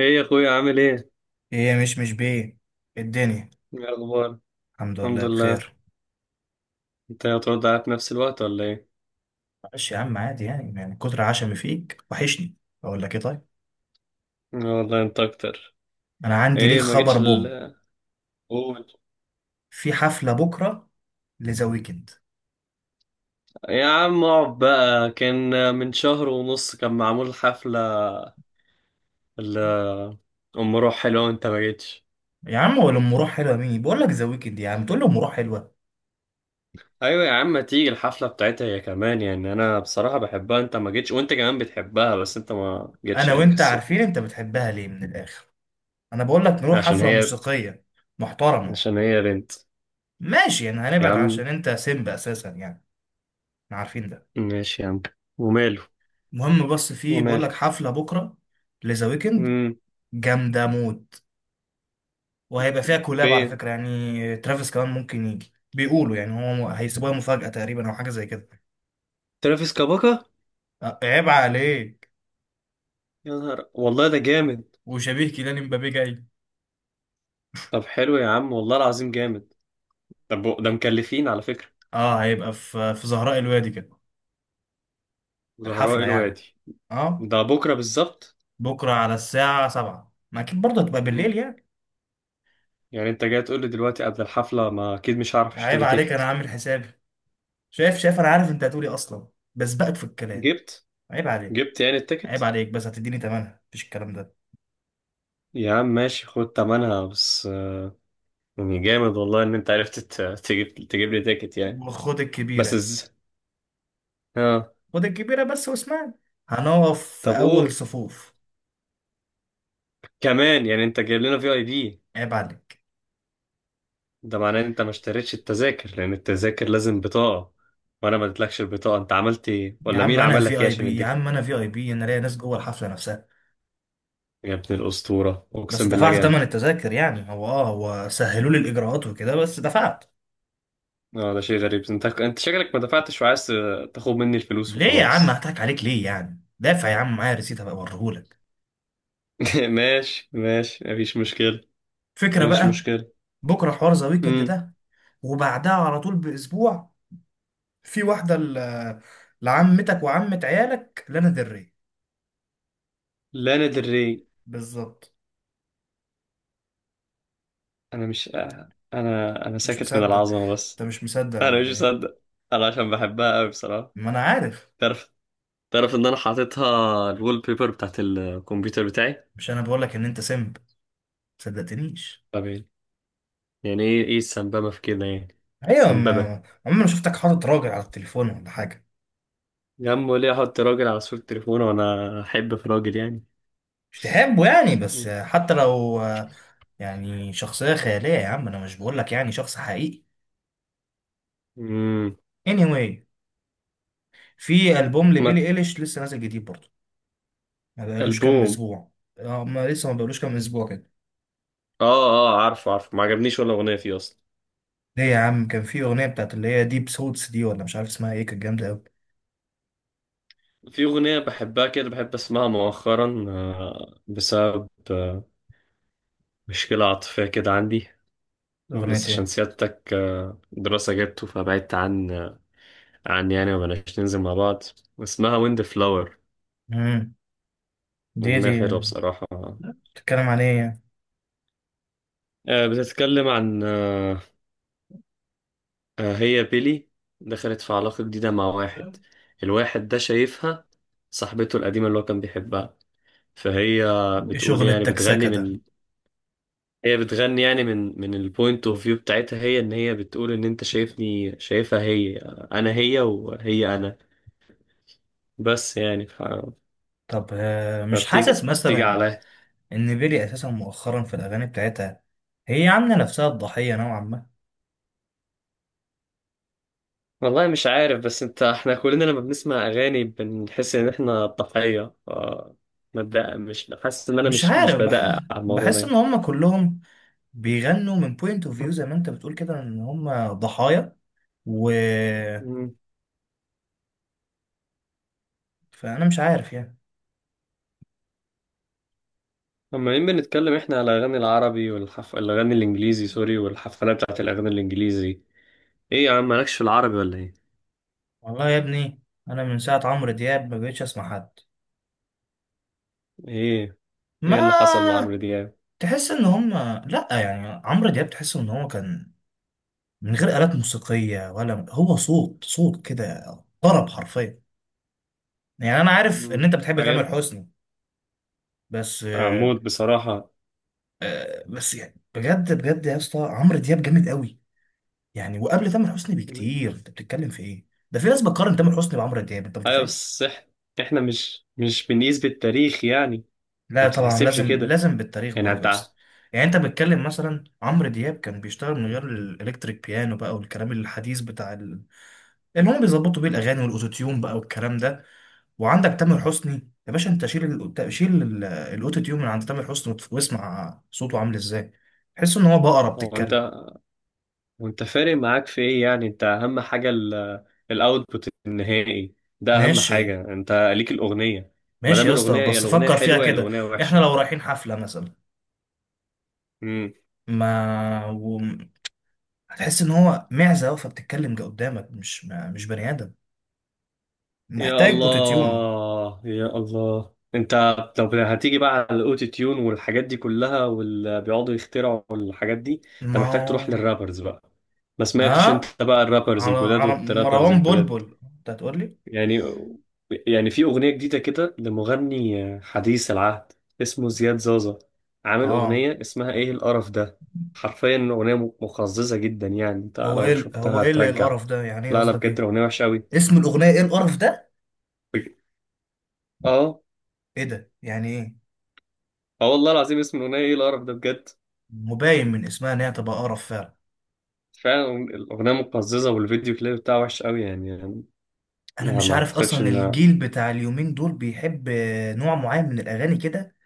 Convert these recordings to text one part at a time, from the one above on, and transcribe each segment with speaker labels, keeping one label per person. Speaker 1: ايه يا اخويا عامل ايه؟
Speaker 2: ايه، مش بيه الدنيا.
Speaker 1: ايه اخبار؟
Speaker 2: الحمد
Speaker 1: الحمد
Speaker 2: لله
Speaker 1: لله.
Speaker 2: بخير.
Speaker 1: انت هترد عليا في نفس الوقت ولا ايه؟
Speaker 2: معلش يا عم، عادي، يعني كتر عشمي فيك، وحشني. اقول لك ايه؟ طيب،
Speaker 1: آه والله انت اكتر.
Speaker 2: انا عندي ليك
Speaker 1: ايه ما جيتش
Speaker 2: خبر بوم.
Speaker 1: قول.
Speaker 2: في حفله بكره، لذا ويكند.
Speaker 1: يا عم اقعد بقى، كان من شهر ونص كان معمول حفلة ال ام روح حلوة وانت ما جيتش.
Speaker 2: يا عم، ولا ام روح حلوه؟ مين بقول لك ذا ويكند يا عم تقول لي ام روح حلوه!
Speaker 1: ايوه يا عم، ما تيجي الحفلة بتاعتها هي كمان، يعني انا بصراحة بحبها، انت ما جيتش وانت كمان بتحبها بس انت ما جيتش
Speaker 2: انا
Speaker 1: يعني
Speaker 2: وانت عارفين
Speaker 1: كسلت.
Speaker 2: انت بتحبها ليه، من الاخر. انا بقول لك نروح
Speaker 1: عشان
Speaker 2: حفله
Speaker 1: هي
Speaker 2: موسيقيه محترمه.
Speaker 1: عشان هي بنت.
Speaker 2: ماشي، يعني
Speaker 1: يا
Speaker 2: هنبعد عشان
Speaker 1: عم
Speaker 2: انت سيمب اساسا يعني. احنا عارفين ده.
Speaker 1: ماشي يا عم. وماله.
Speaker 2: المهم، بس في، بقول
Speaker 1: وماله.
Speaker 2: لك حفله بكره، لذا ويكند.
Speaker 1: امم
Speaker 2: جامده موت. وهيبقى فيها كولاب على
Speaker 1: فين؟
Speaker 2: فكرة، يعني ترافيس كمان ممكن يجي، بيقولوا يعني. هو هيسيبوها مفاجأة تقريبا، أو حاجة زي كده.
Speaker 1: ترافيس كاباكا؟
Speaker 2: أه، عيب عليك.
Speaker 1: يا نهار والله ده جامد.
Speaker 2: وشبيه كيليان مبابي جاي.
Speaker 1: طب حلو يا عم والله العظيم جامد. طب ده مكلفين على فكرة.
Speaker 2: اه، هيبقى في زهراء الوادي كده.
Speaker 1: زهراء
Speaker 2: الحفلة يعني.
Speaker 1: الوادي.
Speaker 2: اه.
Speaker 1: ده بكرة بالظبط؟
Speaker 2: بكرة على الساعة سبعة ما أكيد برضه هتبقى
Speaker 1: م.
Speaker 2: بالليل يعني.
Speaker 1: يعني انت جاي تقول لي دلوقتي قبل الحفلة، ما اكيد مش هعرف
Speaker 2: عيب
Speaker 1: اشتري
Speaker 2: عليك، أنا
Speaker 1: تيكت.
Speaker 2: عامل حسابي. شايف، أنا عارف أنت هتقولي أصلا، بس بقت في الكلام.
Speaker 1: جبت؟
Speaker 2: عيب عليك.
Speaker 1: جبت يعني
Speaker 2: عيب
Speaker 1: التيكت؟
Speaker 2: عليك، بس هتديني تمنها، مفيش الكلام ده.
Speaker 1: يا عم ماشي، خد تمنها بس. يعني جامد والله ان انت عرفت تجيب لي تيكت يعني.
Speaker 2: وخد
Speaker 1: بس
Speaker 2: الكبيرة.
Speaker 1: از... اه
Speaker 2: خد الكبيرة بس، واسمعني. هنقف في
Speaker 1: طب
Speaker 2: أول
Speaker 1: قول.
Speaker 2: صفوف.
Speaker 1: كمان يعني انت جايب لنا في اي بي؟
Speaker 2: عيب عليك.
Speaker 1: ده معناه ان انت ما اشتريتش التذاكر لان التذاكر لازم بطاقة، وانا ما اديتلكش البطاقة. انت عملت ايه،
Speaker 2: يا
Speaker 1: ولا
Speaker 2: عم
Speaker 1: مين
Speaker 2: انا
Speaker 1: عمل لك
Speaker 2: في
Speaker 1: ايه
Speaker 2: اي
Speaker 1: عشان
Speaker 2: بي، يا
Speaker 1: يديك؟
Speaker 2: عم انا في اي بي، انا ليا ناس جوه الحفله نفسها.
Speaker 1: يا ابن الاسطورة
Speaker 2: بس
Speaker 1: اقسم بالله
Speaker 2: دفعت ثمن
Speaker 1: جامد.
Speaker 2: التذاكر يعني، هو سهلوا لي الاجراءات وكده، بس دفعت.
Speaker 1: اه ده شيء غريب، انت شكلك ما دفعتش وعايز تاخد مني الفلوس
Speaker 2: ليه يا عم؟
Speaker 1: وخلاص.
Speaker 2: هضحك عليك ليه يعني؟ دافع يا عم، معايا ريسيت هبقى اوريهولك.
Speaker 1: ماشي ماشي، مفيش مشكلة.
Speaker 2: فكره
Speaker 1: مفيش
Speaker 2: بقى.
Speaker 1: مشكلة.
Speaker 2: بكره حوار ذا ويكند
Speaker 1: امم
Speaker 2: ده. وبعدها على طول باسبوع في واحده، لعمتك وعمه عيالك، لنا دري.
Speaker 1: لانا del Rey.
Speaker 2: بالظبط.
Speaker 1: انا مش انا
Speaker 2: انت مش
Speaker 1: ساكت من
Speaker 2: مصدق.
Speaker 1: العظمة
Speaker 2: انت
Speaker 1: بس.
Speaker 2: مش مصدق
Speaker 1: انا مش
Speaker 2: ولا ايه؟
Speaker 1: مصدق. انا عشان بحبها قوي بصراحة.
Speaker 2: ما انا عارف.
Speaker 1: تعرف تعرف ان انا حاططها الوول بيبر بتاعت الكمبيوتر بتاعي.
Speaker 2: مش انا بقول لك ان انت سمب ما صدقتنيش؟
Speaker 1: طب يعني ايه السنببة في كده يعني؟
Speaker 2: ايوه،
Speaker 1: سنببة؟
Speaker 2: ما عمري ما شفتك حاطط راجل على التليفون ولا حاجه.
Speaker 1: يا عم ليه احط راجل على صورة تليفونه وانا احب في راجل يعني؟
Speaker 2: مش تحبه يعني؟ بس
Speaker 1: مم.
Speaker 2: حتى لو، يعني شخصيه خياليه يا عم، انا مش بقول لك يعني شخص حقيقي.
Speaker 1: امم.
Speaker 2: Anyway، في البوم
Speaker 1: ما.
Speaker 2: لبيلي ايليش لسه نازل جديد برضه، ما بقالوش كام
Speaker 1: ألبوم؟
Speaker 2: اسبوع. آه، ما لسه ما بقالوش كام اسبوع كده.
Speaker 1: اه اه، عارفه عارفه، ما عجبنيش ولا أغنية فيه أصلا.
Speaker 2: ليه يا عم؟ كان في اغنيه بتاعت اللي هي ديب سوتس دي، ولا مش عارف اسمها ايه، كانت جامده قوي.
Speaker 1: في أغنية بحبها كده، بحب أسمعها مؤخرا، بسبب مشكلة عاطفية كده عندي.
Speaker 2: اغنيه
Speaker 1: بس عشان
Speaker 2: ايه؟
Speaker 1: سيادتك، دراسة جبته فبعدت عن عن يعني، ومبقناش ننزل مع بعض. اسمها ويند فلاور.
Speaker 2: امم. دي
Speaker 1: أغنية
Speaker 2: دي
Speaker 1: حلوة بصراحة.
Speaker 2: بتتكلم عن ايه يعني؟
Speaker 1: بتتكلم عن هي بيلي دخلت في علاقة جديدة مع واحد، الواحد ده شايفها صاحبته القديمة اللي هو كان بيحبها، فهي
Speaker 2: ايه
Speaker 1: بتقول
Speaker 2: شغل
Speaker 1: يعني
Speaker 2: التكسكه
Speaker 1: بتغني
Speaker 2: ده؟
Speaker 1: من. هي بتغني يعني من البوينت اوف فيو بتاعتها هي، ان هي بتقول ان انت شايفني شايفها هي، انا هي وهي انا. بس يعني ف...
Speaker 2: طب، مش حاسس
Speaker 1: فبتيجي
Speaker 2: مثلا
Speaker 1: عليا.
Speaker 2: ان بيلي اساسا مؤخرا في الاغاني بتاعتها هي عامله نفسها الضحيه نوعا ما؟
Speaker 1: والله مش عارف، بس انت احنا كلنا لما بنسمع اغاني بنحس ان احنا ضحية. ما بدأ- مش حاسس ان انا
Speaker 2: مش
Speaker 1: مش
Speaker 2: عارف، بحس
Speaker 1: بدقق على الموضوع
Speaker 2: بحس ان هم كلهم بيغنوا من بوينت اوف فيو، زي ما انت بتقول كده، ان هم ضحايا. و
Speaker 1: ده.
Speaker 2: فانا مش عارف يعني.
Speaker 1: عمالين بنتكلم احنا على الاغاني العربي الاغاني الانجليزي، سوري، والحفلات بتاعت الاغاني الانجليزي. ايه يا عم مالكش في العربي ولا ايه؟
Speaker 2: والله يا ابني، انا من ساعه عمرو دياب ما بقتش اسمع حد.
Speaker 1: ايه، اللي حصل
Speaker 2: ما
Speaker 1: لعمرو دياب؟
Speaker 2: تحس ان هم، لا يعني عمرو دياب تحس ان هو كان من غير آلات موسيقيه، ولا هو صوت صوت كده، طرب حرفيا. يعني انا عارف ان
Speaker 1: مم.
Speaker 2: انت بتحب تامر
Speaker 1: ايام.
Speaker 2: حسني، بس
Speaker 1: عمود بصراحة.
Speaker 2: بس يعني، بجد بجد يا اسطى، عمرو دياب جامد قوي. يعني وقبل تامر حسني
Speaker 1: مم.
Speaker 2: بكتير، انت بتتكلم في ايه ده؟ في ناس بتقارن تامر حسني بعمرو دياب، انت
Speaker 1: ايوه،
Speaker 2: متخيل؟
Speaker 1: احنا مش بنقيس بالتاريخ يعني. ما
Speaker 2: لا طبعا،
Speaker 1: بتتحسبش
Speaker 2: لازم
Speaker 1: كده
Speaker 2: لازم بالتاريخ
Speaker 1: يعني
Speaker 2: برضه يا
Speaker 1: انت
Speaker 2: اسطى. يعني انت بتتكلم مثلا، عمرو دياب كان بيشتغل من غير الالكتريك بيانو بقى، والكلام الحديث بتاع اللي هم بيظبطوا بيه الاغاني، والاوتوتيون بقى، والكلام ده. وعندك تامر حسني، يا باشا انت شيل الاوتوتيون من عند تامر حسني، واسمع صوته عامل ازاي. تحس ان هو بقرة
Speaker 1: هو انت
Speaker 2: بتتكلم.
Speaker 1: وانت فارق معاك في ايه يعني؟ انت اهم حاجة الاوتبوت النهائي، ده اهم
Speaker 2: ماشي،
Speaker 1: حاجة، انت ليك الاغنية. ما
Speaker 2: ماشي
Speaker 1: دام
Speaker 2: يا اسطى،
Speaker 1: الاغنية، يا
Speaker 2: بس
Speaker 1: الاغنية
Speaker 2: فكر فيها
Speaker 1: حلوة يا
Speaker 2: كده.
Speaker 1: الاغنية
Speaker 2: احنا
Speaker 1: وحشة.
Speaker 2: لو رايحين حفلة مثلا، ما و... هتحس ان هو معزة واقفة بتتكلم قدامك، مش بني ادم،
Speaker 1: يا
Speaker 2: محتاج اوتوتيون.
Speaker 1: الله يا الله انت. طب هتيجي بقى على الاوتو تيون والحاجات دي كلها واللي بيقعدوا يخترعوا الحاجات دي؟ انت
Speaker 2: ما
Speaker 1: محتاج تروح
Speaker 2: هو،
Speaker 1: للرابرز بقى. ما سمعتش انت
Speaker 2: ها،
Speaker 1: بقى الرابرز
Speaker 2: على
Speaker 1: الجداد
Speaker 2: على
Speaker 1: والترابرز
Speaker 2: مروان
Speaker 1: الجداد؟
Speaker 2: بلبل انت هتقول لي؟
Speaker 1: يعني يعني في اغنية جديدة كده لمغني حديث العهد اسمه زياد زازا، عامل
Speaker 2: اه،
Speaker 1: اغنية اسمها ايه القرف ده. حرفيا اغنية مقززة جدا، يعني انت لو
Speaker 2: هو
Speaker 1: شفتها
Speaker 2: ايه اللي إيه
Speaker 1: هترجع.
Speaker 2: القرف ده، يعني ايه
Speaker 1: لا لا
Speaker 2: قصدك
Speaker 1: بجد
Speaker 2: ايه؟
Speaker 1: اغنية وحشة قوي.
Speaker 2: اسم الاغنية ايه القرف ده؟
Speaker 1: اه.
Speaker 2: ايه ده يعني ايه؟
Speaker 1: اه والله العظيم اسم الاغنيه ايه القرف ده بجد.
Speaker 2: مبين من اسمها ان هي تبقى قرف فعلا.
Speaker 1: فعلا الاغنيه مقززه والفيديو كليب بتاعه وحش قوي، يعني.
Speaker 2: انا
Speaker 1: ما,
Speaker 2: مش
Speaker 1: ما
Speaker 2: عارف
Speaker 1: اعتقدش
Speaker 2: اصلا
Speaker 1: ان.
Speaker 2: الجيل بتاع اليومين دول بيحب نوع معين من الاغاني كده.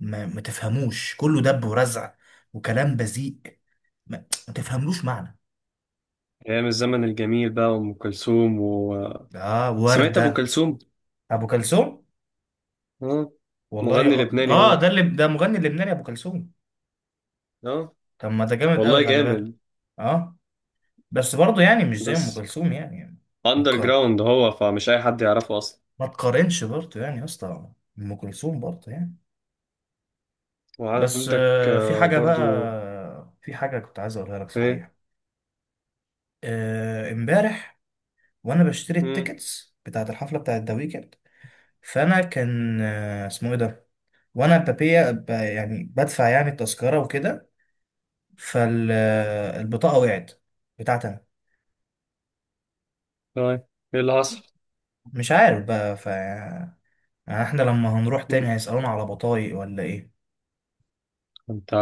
Speaker 2: ما تفهموش، كله دب ورزع وكلام بذيء. ما, ما تفهملوش معنى.
Speaker 1: ايام الزمن الجميل بقى وام كلثوم.
Speaker 2: اه،
Speaker 1: سمعت ابو
Speaker 2: وردة.
Speaker 1: كلثوم؟
Speaker 2: ابو كلثوم؟
Speaker 1: اه.
Speaker 2: والله
Speaker 1: مغني
Speaker 2: اه،
Speaker 1: لبناني هو.
Speaker 2: ده اللي ده مغني لبناني ابو كلثوم.
Speaker 1: اه.
Speaker 2: طب ما ده جامد
Speaker 1: والله
Speaker 2: قوي، خلي
Speaker 1: جامد.
Speaker 2: بالك. اه. بس برضه يعني مش زي ام
Speaker 1: بس
Speaker 2: كلثوم يعني. ما
Speaker 1: اندر
Speaker 2: تقا-
Speaker 1: جراوند هو، فمش اي حد يعرفه اصلا.
Speaker 2: ما تقارنش برضه يعني يا اسطى، ام كلثوم برضه يعني. بس
Speaker 1: وعندك
Speaker 2: في حاجة
Speaker 1: برضو.
Speaker 2: بقى، في حاجة كنت عايز اقولها لك
Speaker 1: ايه؟
Speaker 2: صحيح. امبارح وانا بشتري
Speaker 1: مم.
Speaker 2: التيكتس بتاعت الحفلة بتاعت ذا ويكند، فانا كان اسمه ايه ده، وانا بابيا يعني بدفع، يعني التذكره وكده، فالبطاقه وقعت، بتاعتي انا.
Speaker 1: طيب. ايه اللي حصل؟
Speaker 2: مش عارف بقى، يعني احنا لما هنروح تاني هيسالونا على بطايق ولا ايه؟
Speaker 1: انت،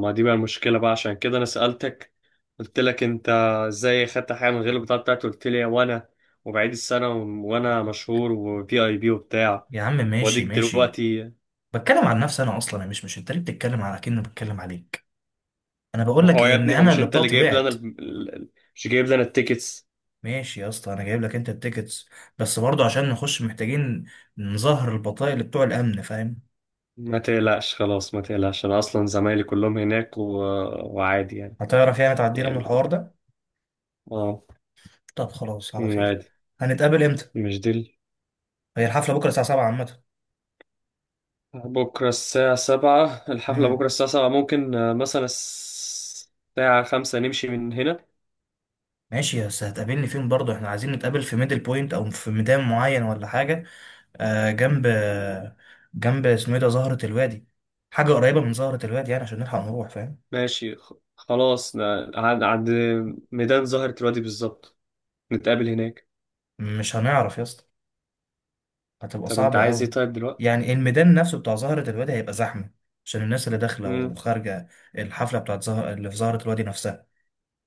Speaker 1: ما دي بقى المشكله بقى عشان كده انا سالتك، قلت لك انت ازاي خدت حاجه من غير البطاقه بتاعتي؟ قلت لي وانا وبعيد السنه وانا مشهور وفي اي بي وبتاع،
Speaker 2: يا عم ماشي،
Speaker 1: واديك
Speaker 2: ماشي.
Speaker 1: دلوقتي.
Speaker 2: بتكلم عن نفسي انا، اصلا انا مش، انت ليه بتتكلم على كأني بتكلم عليك؟ انا بقول
Speaker 1: ما
Speaker 2: لك
Speaker 1: هو
Speaker 2: إيه،
Speaker 1: يا
Speaker 2: ان
Speaker 1: ابني هو
Speaker 2: انا
Speaker 1: مش
Speaker 2: اللي
Speaker 1: انت اللي
Speaker 2: بطاقتي
Speaker 1: جايب لنا
Speaker 2: وقعت.
Speaker 1: ال- مش جايب لنا التيكتس؟
Speaker 2: ماشي يا اسطى، انا جايب لك انت التيكتس، بس برضه عشان نخش محتاجين نظهر البطايق اللي بتوع الامن، فاهم؟
Speaker 1: ما تقلقش خلاص، ما تقلقش، انا اصلا زمايلي كلهم هناك، وعادي يعني.
Speaker 2: هتعرف يعني تعدينا من
Speaker 1: يعني
Speaker 2: الحوار ده؟
Speaker 1: اه.
Speaker 2: طب خلاص، على خير.
Speaker 1: عادي.
Speaker 2: هنتقابل امتى؟
Speaker 1: مش دي.
Speaker 2: هي الحفله بكره الساعه 7 عامه.
Speaker 1: بكرة الساعة 7 الحفلة،
Speaker 2: امم.
Speaker 1: بكرة الساعة 7، ممكن، مثلا الساعة 5 نمشي من هنا.
Speaker 2: ماشي، بس هتقابلني فين برضه؟ احنا عايزين نتقابل في ميدل بوينت او في ميدان معين ولا حاجه؟ آه جنب جنب اسمه ايه ده، زهره الوادي. حاجه قريبه من زهره الوادي يعني، عشان نلحق نروح، فاهم؟
Speaker 1: ماشي، خلاص، عند ميدان زهرة الوادي بالظبط، نتقابل هناك.
Speaker 2: مش هنعرف يا اسطى، هتبقى
Speaker 1: طب انت
Speaker 2: صعبه
Speaker 1: عايز ايه
Speaker 2: قوي.
Speaker 1: طيب دلوقتي؟
Speaker 2: يعني الميدان نفسه بتاع زهره الوادي هيبقى زحمه، عشان الناس اللي داخله
Speaker 1: امم.
Speaker 2: وخارجه، الحفله بتاعت زهر اللي في زهره الوادي نفسها.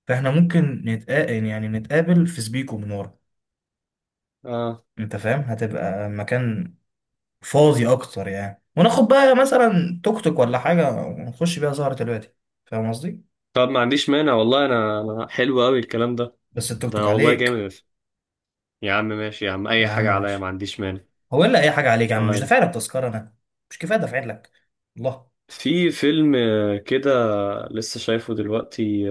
Speaker 2: فاحنا ممكن نتقابل، يعني نتقابل في سبيكو من ورا،
Speaker 1: اه.
Speaker 2: انت فاهم؟ هتبقى مكان فاضي اكتر يعني، وناخد بقى مثلا توك توك ولا حاجه، ونخش بيها سهره الوادي، فاهم قصدي؟
Speaker 1: طب ما عنديش مانع والله، انا حلو قوي الكلام ده،
Speaker 2: بس التوك توك
Speaker 1: ده والله
Speaker 2: عليك.
Speaker 1: جامد. يا عم ماشي يا عم،
Speaker 2: يا
Speaker 1: اي
Speaker 2: عم
Speaker 1: حاجة عليا ما
Speaker 2: ماشي،
Speaker 1: عنديش مانع.
Speaker 2: هو الا اي حاجه عليك يا عم؟ مش
Speaker 1: طيب.
Speaker 2: دافع لك تذكره انا؟ مش كفايه دافع لك؟ الله.
Speaker 1: في فيلم كده، لسه شايفه دلوقتي،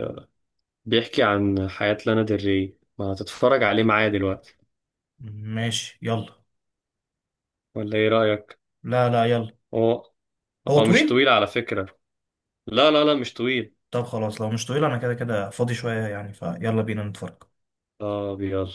Speaker 1: بيحكي عن حياة لانا ديل ري، ما هتتفرج عليه معايا دلوقتي
Speaker 2: ماشي، يلا.
Speaker 1: ولا ايه رأيك؟
Speaker 2: لا، لا، يلا.
Speaker 1: هو
Speaker 2: هو
Speaker 1: هو مش
Speaker 2: طويل؟
Speaker 1: طويل على فكرة. لا لا لا مش طويل.
Speaker 2: طب خلاص، لو مش طويل انا كده كده فاضي شويه يعني، فيلا بينا نتفرج.
Speaker 1: اه ابيض.